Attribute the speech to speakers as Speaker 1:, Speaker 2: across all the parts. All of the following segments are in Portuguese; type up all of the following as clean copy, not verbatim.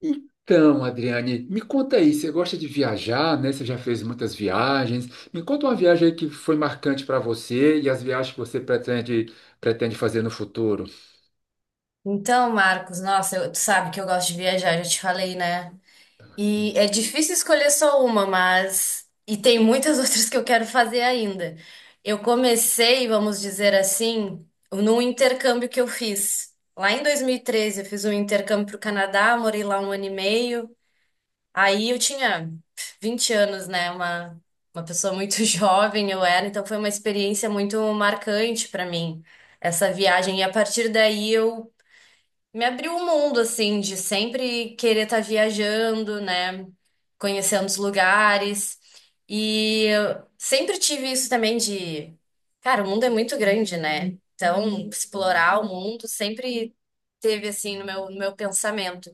Speaker 1: Então, Adriane, me conta aí, você gosta de viajar, né? Você já fez muitas viagens. Me conta uma viagem aí que foi marcante para você e as viagens que você pretende fazer no futuro.
Speaker 2: Então, Marcos, nossa, tu sabe que eu gosto de viajar, já te falei, né? E é difícil escolher só uma, mas. E tem muitas outras que eu quero fazer ainda. Eu comecei, vamos dizer assim, num intercâmbio que eu fiz. Lá em 2013 eu fiz um intercâmbio para o Canadá, morei lá um ano e meio. Aí eu tinha 20 anos, né? Uma pessoa muito jovem eu era, então foi uma experiência muito marcante para mim, essa viagem. E a partir daí eu me abriu o mundo, assim, de sempre querer estar viajando, né? Conhecendo os lugares. E eu sempre tive isso também de, cara, o mundo é muito grande, né? Então, explorar o mundo sempre teve, assim, no meu pensamento.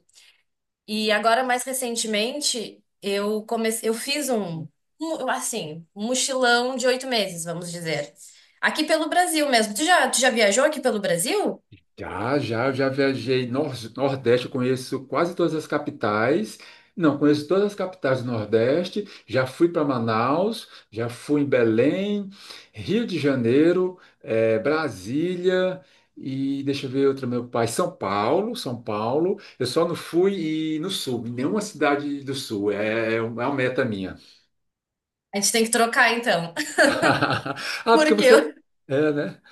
Speaker 2: E agora, mais recentemente, eu comecei, eu fiz assim, um mochilão de 8 meses, vamos dizer. Aqui pelo Brasil mesmo. Tu já viajou aqui pelo Brasil?
Speaker 1: Já, eu já viajei nor Nordeste, eu conheço quase todas as capitais. Não, conheço todas as capitais do Nordeste. Já fui para Manaus, já fui em Belém, Rio de Janeiro, Brasília, e deixa eu ver outra, meu pai, São Paulo, São Paulo. Eu só não fui e no Sul, em nenhuma cidade do Sul. É uma meta minha.
Speaker 2: A gente tem que trocar, então.
Speaker 1: Ah, porque
Speaker 2: Porque eu,
Speaker 1: você. É, né?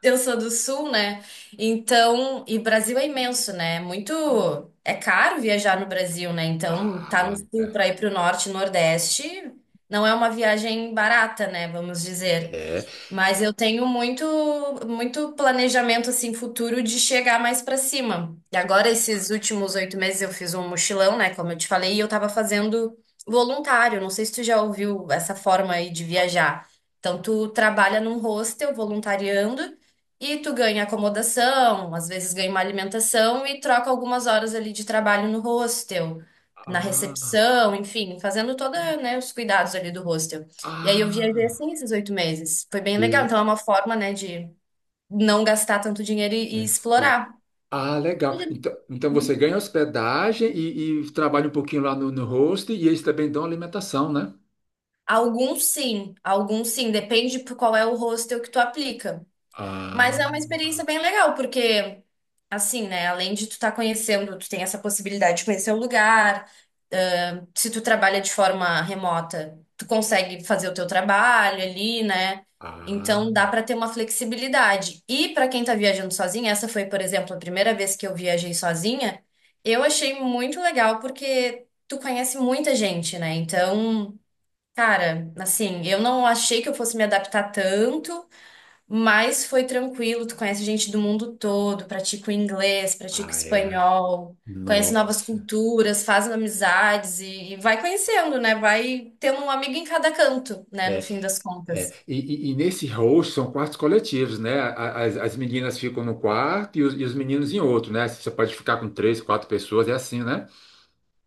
Speaker 2: Eu sou do sul, né? Então, e Brasil é imenso, né? É Muito É caro viajar no Brasil, né? Então, tá no
Speaker 1: Ah, é.
Speaker 2: sul para ir para o norte, nordeste, não é uma viagem barata, né? Vamos dizer.
Speaker 1: É.
Speaker 2: Mas eu tenho muito, muito planejamento assim futuro de chegar mais pra cima. E agora, esses últimos 8 meses, eu fiz um mochilão, né? Como eu te falei, e eu tava fazendo voluntário. Não sei se tu já ouviu essa forma aí de viajar. Então, tu trabalha num hostel voluntariando e tu ganha acomodação, às vezes ganha uma alimentação e troca algumas horas ali de trabalho no hostel, na
Speaker 1: Ah,
Speaker 2: recepção, enfim, fazendo toda, né, os cuidados ali do hostel. E aí eu viajei
Speaker 1: ah.
Speaker 2: assim esses 8 meses. Foi bem legal. Então é uma forma, né, de não gastar tanto dinheiro e
Speaker 1: ST.
Speaker 2: explorar.
Speaker 1: Ah, legal.
Speaker 2: Onde-
Speaker 1: Então, você
Speaker 2: uhum.
Speaker 1: ganha hospedagem e trabalha um pouquinho lá no host, e eles também dão alimentação, né?
Speaker 2: Alguns sim, alguns sim. Depende por qual é o hostel que tu aplica. Mas
Speaker 1: Ah,
Speaker 2: é uma experiência bem legal, porque assim, né, além de tu estar conhecendo, tu tem essa possibilidade de conhecer o lugar. Se tu trabalha de forma remota, tu consegue fazer o teu trabalho ali, né?
Speaker 1: ah,
Speaker 2: Então dá para ter uma flexibilidade. E para quem tá viajando sozinha, essa foi, por exemplo, a primeira vez que eu viajei sozinha, eu achei muito legal porque tu conhece muita gente, né? Então, cara, assim, eu não achei que eu fosse me adaptar tanto, mas foi tranquilo, tu conhece gente do mundo todo, pratica o inglês, pratica o
Speaker 1: ah, é.
Speaker 2: espanhol, conhece novas
Speaker 1: Nossa.
Speaker 2: culturas, faz amizades e vai conhecendo, né? Vai tendo um amigo em cada canto, né? No
Speaker 1: É,
Speaker 2: fim das
Speaker 1: é.
Speaker 2: contas.
Speaker 1: E, e nesse host são quartos coletivos, né? As meninas ficam no quarto e os meninos em outro, né? Você pode ficar com três, quatro pessoas, é assim, né?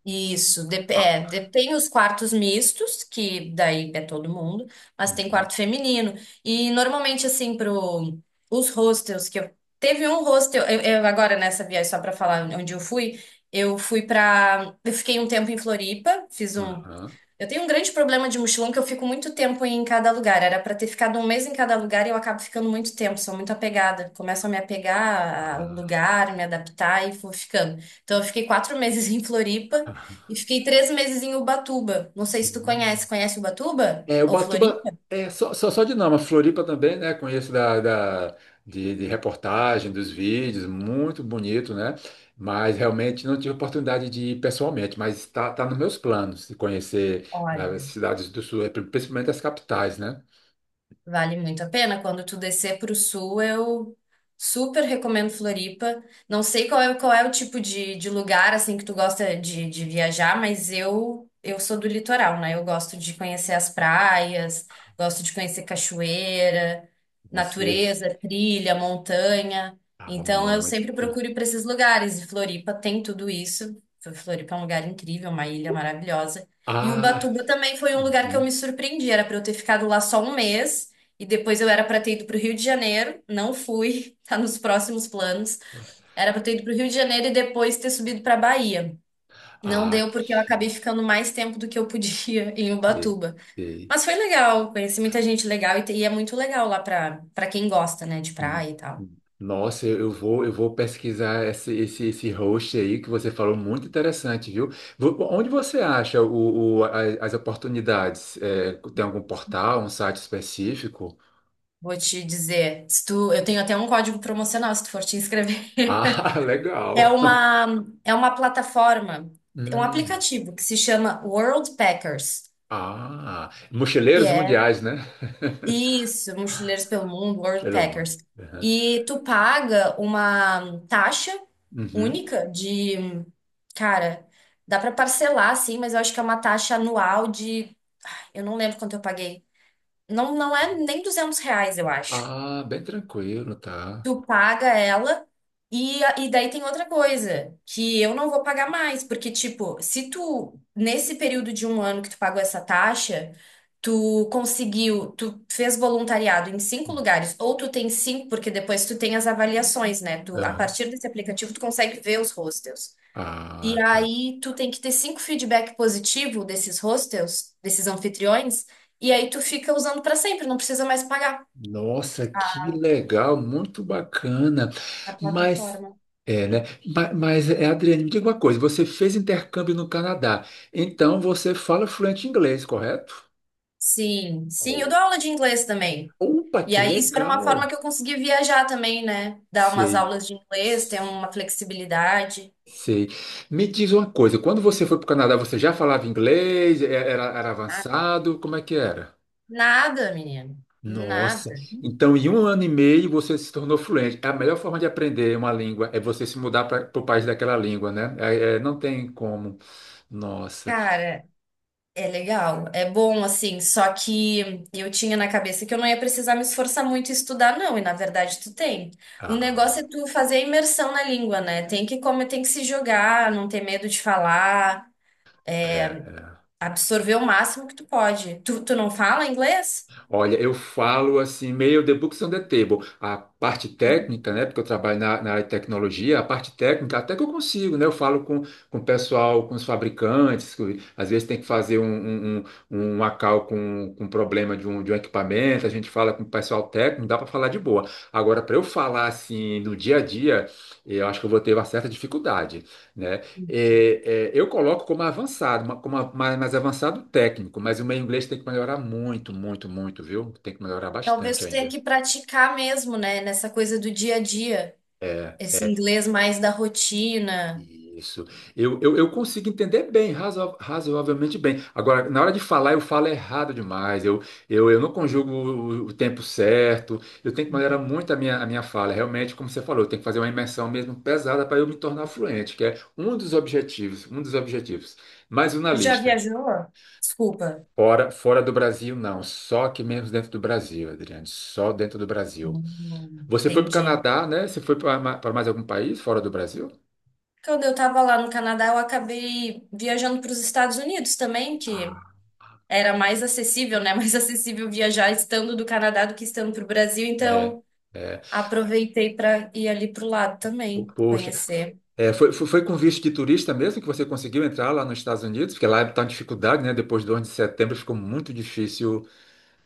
Speaker 2: Isso,
Speaker 1: Ah.
Speaker 2: tem os quartos mistos, que daí é todo mundo, mas tem
Speaker 1: Uhum.
Speaker 2: quarto feminino. E normalmente, assim, pro, os hostels que eu. Teve um hostel, eu agora nessa viagem, só pra falar onde eu fui pra. Eu fiquei um tempo em Floripa, fiz um
Speaker 1: Aham.
Speaker 2: eu tenho um grande problema de mochilão que eu fico muito tempo em cada lugar. Era pra ter ficado um mês em cada lugar e eu acabo ficando muito tempo, sou muito apegada. Começo a me apegar ao
Speaker 1: Ah.
Speaker 2: lugar, me adaptar e vou ficando. Então eu fiquei quatro meses em Floripa e fiquei 3 meses em Ubatuba. Não sei se tu conhece. Conhece Ubatuba
Speaker 1: É,
Speaker 2: ou
Speaker 1: Ubatuba
Speaker 2: Floripa?
Speaker 1: é só de nome, a Floripa também, né? Conheço de reportagem, dos vídeos, muito bonito, né? Mas realmente não tive oportunidade de ir pessoalmente, mas está tá tá nos meus planos de conhecer as
Speaker 2: Olha.
Speaker 1: cidades do sul, é, principalmente as capitais, né?
Speaker 2: Vale muito a pena. Quando tu descer para o sul, eu super recomendo Floripa. Não sei qual é o tipo de lugar assim que tu gosta de viajar, mas eu sou do litoral, né? Eu gosto de conhecer as praias, gosto de conhecer cachoeira,
Speaker 1: Você
Speaker 2: natureza, trilha, montanha.
Speaker 1: estava
Speaker 2: Então eu
Speaker 1: muito.
Speaker 2: sempre procuro ir para esses lugares e Floripa tem tudo isso. Floripa é um lugar incrível, uma ilha maravilhosa. E
Speaker 1: Ah,
Speaker 2: Ubatuba também foi um lugar que eu me
Speaker 1: uhum.
Speaker 2: surpreendi. Era para eu ter ficado lá só um mês. E depois eu era para ter ido para o Rio de Janeiro, não fui, tá nos próximos planos. Era para ter ido para o Rio de Janeiro e depois ter subido para Bahia. Não
Speaker 1: Ah,
Speaker 2: deu porque eu
Speaker 1: que
Speaker 2: acabei ficando mais tempo do que eu podia em Ubatuba.
Speaker 1: delícia.
Speaker 2: Mas foi legal, conheci muita gente legal e, e é muito legal lá para quem gosta, né, de
Speaker 1: Hum,
Speaker 2: praia e tal.
Speaker 1: Nossa, eu vou, eu vou pesquisar esse host aí que você falou, muito interessante, viu? Onde você acha as oportunidades? É, tem algum portal, um site específico?
Speaker 2: Vou te dizer, se tu, eu tenho até um código promocional se tu for te inscrever.
Speaker 1: Ah,
Speaker 2: É
Speaker 1: legal.
Speaker 2: uma, é uma plataforma, é um
Speaker 1: Hum,
Speaker 2: aplicativo que se chama World Packers,
Speaker 1: ah,
Speaker 2: que
Speaker 1: mochileiros
Speaker 2: é
Speaker 1: mundiais, né?
Speaker 2: isso, Mochileiros pelo Mundo, World
Speaker 1: Cheiro bom.
Speaker 2: Packers.
Speaker 1: Uhum.
Speaker 2: E tu paga uma taxa
Speaker 1: Uhum.
Speaker 2: única de, cara, dá pra parcelar assim, mas eu acho que é uma taxa anual de, eu não lembro quanto eu paguei. Não, não é nem R$ 200, eu acho
Speaker 1: Ah, bem tranquilo, tá?
Speaker 2: tu paga ela. E, e daí tem outra coisa, que eu não vou pagar mais, porque, tipo, se tu, nesse período de um ano que tu pagou essa taxa, tu conseguiu, tu fez voluntariado em cinco lugares, ou tu tem cinco, porque depois tu tem as avaliações, né? Tu, a
Speaker 1: Uhum.
Speaker 2: partir desse aplicativo, tu consegue ver os hostels. E
Speaker 1: Ah, tá.
Speaker 2: aí tu tem que ter cinco feedback positivo desses hostels, desses anfitriões, e aí tu fica usando pra sempre, não precisa mais pagar
Speaker 1: Nossa, que legal, muito bacana.
Speaker 2: a
Speaker 1: Mas,
Speaker 2: plataforma.
Speaker 1: é, né? Mas, é, Adriane, me diga uma coisa: você fez intercâmbio no Canadá, então você fala fluente inglês, correto?
Speaker 2: Sim, sim, eu
Speaker 1: Oh.
Speaker 2: dou aula de inglês também.
Speaker 1: Opa,
Speaker 2: E
Speaker 1: que
Speaker 2: aí isso era uma forma
Speaker 1: legal!
Speaker 2: que eu consegui viajar também, né? Dar umas
Speaker 1: Sei,
Speaker 2: aulas de inglês, ter uma flexibilidade.
Speaker 1: sei. Me diz uma coisa: quando você foi para o Canadá, você já falava inglês? Era
Speaker 2: Ah,
Speaker 1: avançado? Como é que era?
Speaker 2: nada, menino,
Speaker 1: Nossa.
Speaker 2: nada.
Speaker 1: Então, em um ano e meio você se tornou fluente. A melhor forma de aprender uma língua é você se mudar para o país daquela língua, né? É, não tem como. Nossa.
Speaker 2: Cara, é legal, é bom assim, só que eu tinha na cabeça que eu não ia precisar me esforçar muito e estudar, não, e na verdade tu tem. O negócio
Speaker 1: Ah,
Speaker 2: é tu fazer a imersão na língua, né? Tem que como tem que se jogar, não ter medo de falar,
Speaker 1: é. É.
Speaker 2: absorver o máximo que tu pode. Tu não fala inglês?
Speaker 1: Olha, eu falo assim, meio the books on the table. A parte técnica, né? Porque eu trabalho na, na área de tecnologia, a parte técnica, até que eu consigo, né? Eu falo com o pessoal, com os fabricantes, que às vezes tem que fazer uma cal com problema de um equipamento, a gente fala com o pessoal técnico, dá para falar de boa. Agora, para eu falar assim no dia a dia, eu acho que eu vou ter uma certa dificuldade, né? Eu coloco como avançado, mais avançado técnico, mas o meu inglês tem que melhorar muito, muito, muito, viu? Tem que melhorar
Speaker 2: Talvez
Speaker 1: bastante
Speaker 2: tu tenha
Speaker 1: ainda.
Speaker 2: que praticar mesmo, né? Nessa coisa do dia a dia.
Speaker 1: É,
Speaker 2: Esse inglês mais da rotina.
Speaker 1: isso. Eu consigo entender bem, razoavelmente bem. Agora, na hora de falar, eu falo errado demais. Eu não conjugo o tempo certo. Eu tenho que melhorar muito a minha fala. Realmente, como você falou, eu tenho que fazer uma imersão mesmo pesada para eu me tornar fluente, que é um dos objetivos, um dos objetivos. Mais um na
Speaker 2: Tu já
Speaker 1: lista.
Speaker 2: viajou? Desculpa.
Speaker 1: Fora do Brasil, não. Só aqui mesmo dentro do Brasil, Adriane. Só dentro do Brasil. Você foi para o
Speaker 2: Entendi.
Speaker 1: Canadá, né? Você foi para mais algum país fora do Brasil?
Speaker 2: Quando eu tava lá no Canadá, eu acabei viajando para os Estados Unidos também, que
Speaker 1: Ah,
Speaker 2: era mais acessível, né? Mais acessível viajar estando do Canadá do que estando para o Brasil.
Speaker 1: é,
Speaker 2: Então,
Speaker 1: é.
Speaker 2: aproveitei para ir ali pro lado também,
Speaker 1: Poxa.
Speaker 2: conhecer.
Speaker 1: É, foi com visto de turista mesmo que você conseguiu entrar lá nos Estados Unidos? Porque lá está em dificuldade, né? Depois do onze de setembro ficou muito difícil.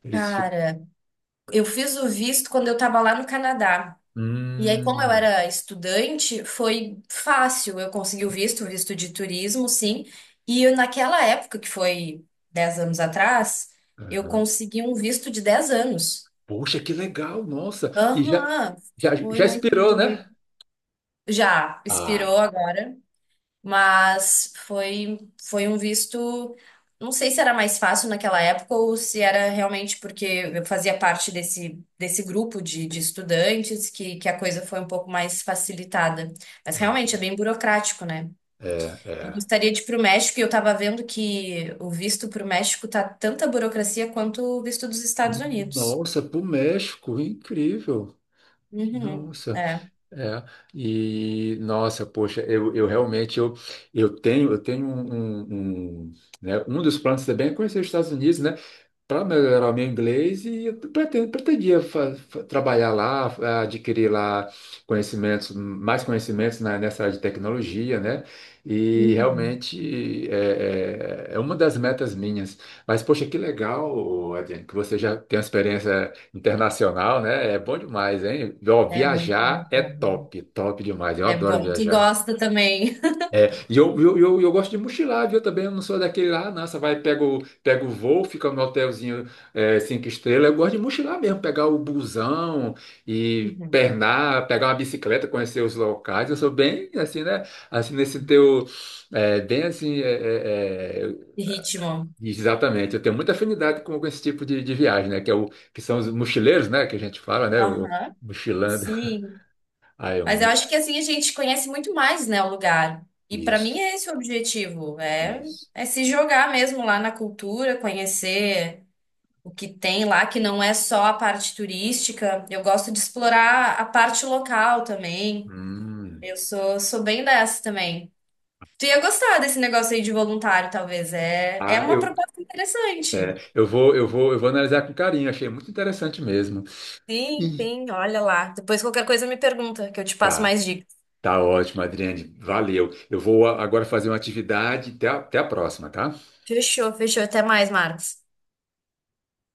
Speaker 1: Eles ficam.
Speaker 2: Cara, eu fiz o visto quando eu tava lá no Canadá. E aí, como eu
Speaker 1: Hum,
Speaker 2: era estudante, foi fácil. Eu consegui o visto de turismo, sim. E eu, naquela época, que foi 10 anos atrás, eu
Speaker 1: aham.
Speaker 2: consegui um visto de 10 anos.
Speaker 1: Poxa, que legal, nossa. E já,
Speaker 2: Aham,
Speaker 1: já,
Speaker 2: foi
Speaker 1: já
Speaker 2: muito
Speaker 1: esperou,
Speaker 2: doido.
Speaker 1: né?
Speaker 2: Já,
Speaker 1: Ah,
Speaker 2: expirou agora. Mas foi, foi um visto. Não sei se era mais fácil naquela época ou se era realmente porque eu fazia parte desse grupo de estudantes que a coisa foi um pouco mais facilitada. Mas realmente é bem burocrático, né?
Speaker 1: é,
Speaker 2: Eu
Speaker 1: é.
Speaker 2: gostaria de ir para o México e eu estava vendo que o visto para o México tá tanta burocracia quanto o visto dos Estados Unidos.
Speaker 1: Nossa, para o México, incrível.
Speaker 2: Uhum,
Speaker 1: Nossa,
Speaker 2: é.
Speaker 1: é. E nossa, poxa, eu realmente eu, eu tenho né, um dos planos também é conhecer os Estados Unidos, né? Para melhorar o meu inglês, e eu pretendo, pretendia trabalhar lá, adquirir lá conhecimentos, mais conhecimentos nessa área de tecnologia, né? E
Speaker 2: Uhum.
Speaker 1: realmente é, uma das metas minhas. Mas, poxa, que legal, Adriano, que você já tem uma experiência internacional, né? É bom demais, hein? Ó,
Speaker 2: É muito
Speaker 1: viajar é
Speaker 2: legal.
Speaker 1: top, top demais. Eu
Speaker 2: É
Speaker 1: adoro
Speaker 2: bom, tu
Speaker 1: viajar.
Speaker 2: gosta também.
Speaker 1: E eu gosto de mochilar, viu? Também eu não sou daquele lá, nossa, vai, pega o voo, fica no hotelzinho é, cinco estrelas. Eu gosto de mochilar mesmo, pegar o busão e
Speaker 2: Uhum.
Speaker 1: pernar, pegar uma bicicleta, conhecer os locais. Eu sou bem assim, né? Assim, nesse teu. É, bem assim.
Speaker 2: Ritmo.
Speaker 1: Exatamente. Eu tenho muita afinidade com esse tipo de viagem, né? Que, é o, que são os mochileiros, né? Que a gente fala, né? O
Speaker 2: Aham.
Speaker 1: mochilando.
Speaker 2: Sim,
Speaker 1: Ah, é
Speaker 2: mas eu
Speaker 1: muito.
Speaker 2: acho que assim a gente conhece muito mais, né, o lugar. E para mim
Speaker 1: Isso,
Speaker 2: é esse o objetivo, é,
Speaker 1: isso.
Speaker 2: é se jogar mesmo lá na cultura, conhecer o que tem lá, que não é só a parte turística. Eu gosto de explorar a parte local também.
Speaker 1: Hum.
Speaker 2: Eu sou bem dessa também. Tu ia gostar desse negócio aí de voluntário, talvez. É, é
Speaker 1: Ah,
Speaker 2: uma
Speaker 1: eu,
Speaker 2: proposta
Speaker 1: é,
Speaker 2: interessante.
Speaker 1: eu vou analisar com carinho, achei muito interessante mesmo.
Speaker 2: Sim,
Speaker 1: E
Speaker 2: sim, olha lá. Depois qualquer coisa me pergunta, que eu te passo
Speaker 1: tá,
Speaker 2: mais dicas.
Speaker 1: tá ótimo, Adriane, valeu. Agora fazer uma atividade, até a próxima, tá?
Speaker 2: Fechou, fechou. Até mais, Marcos.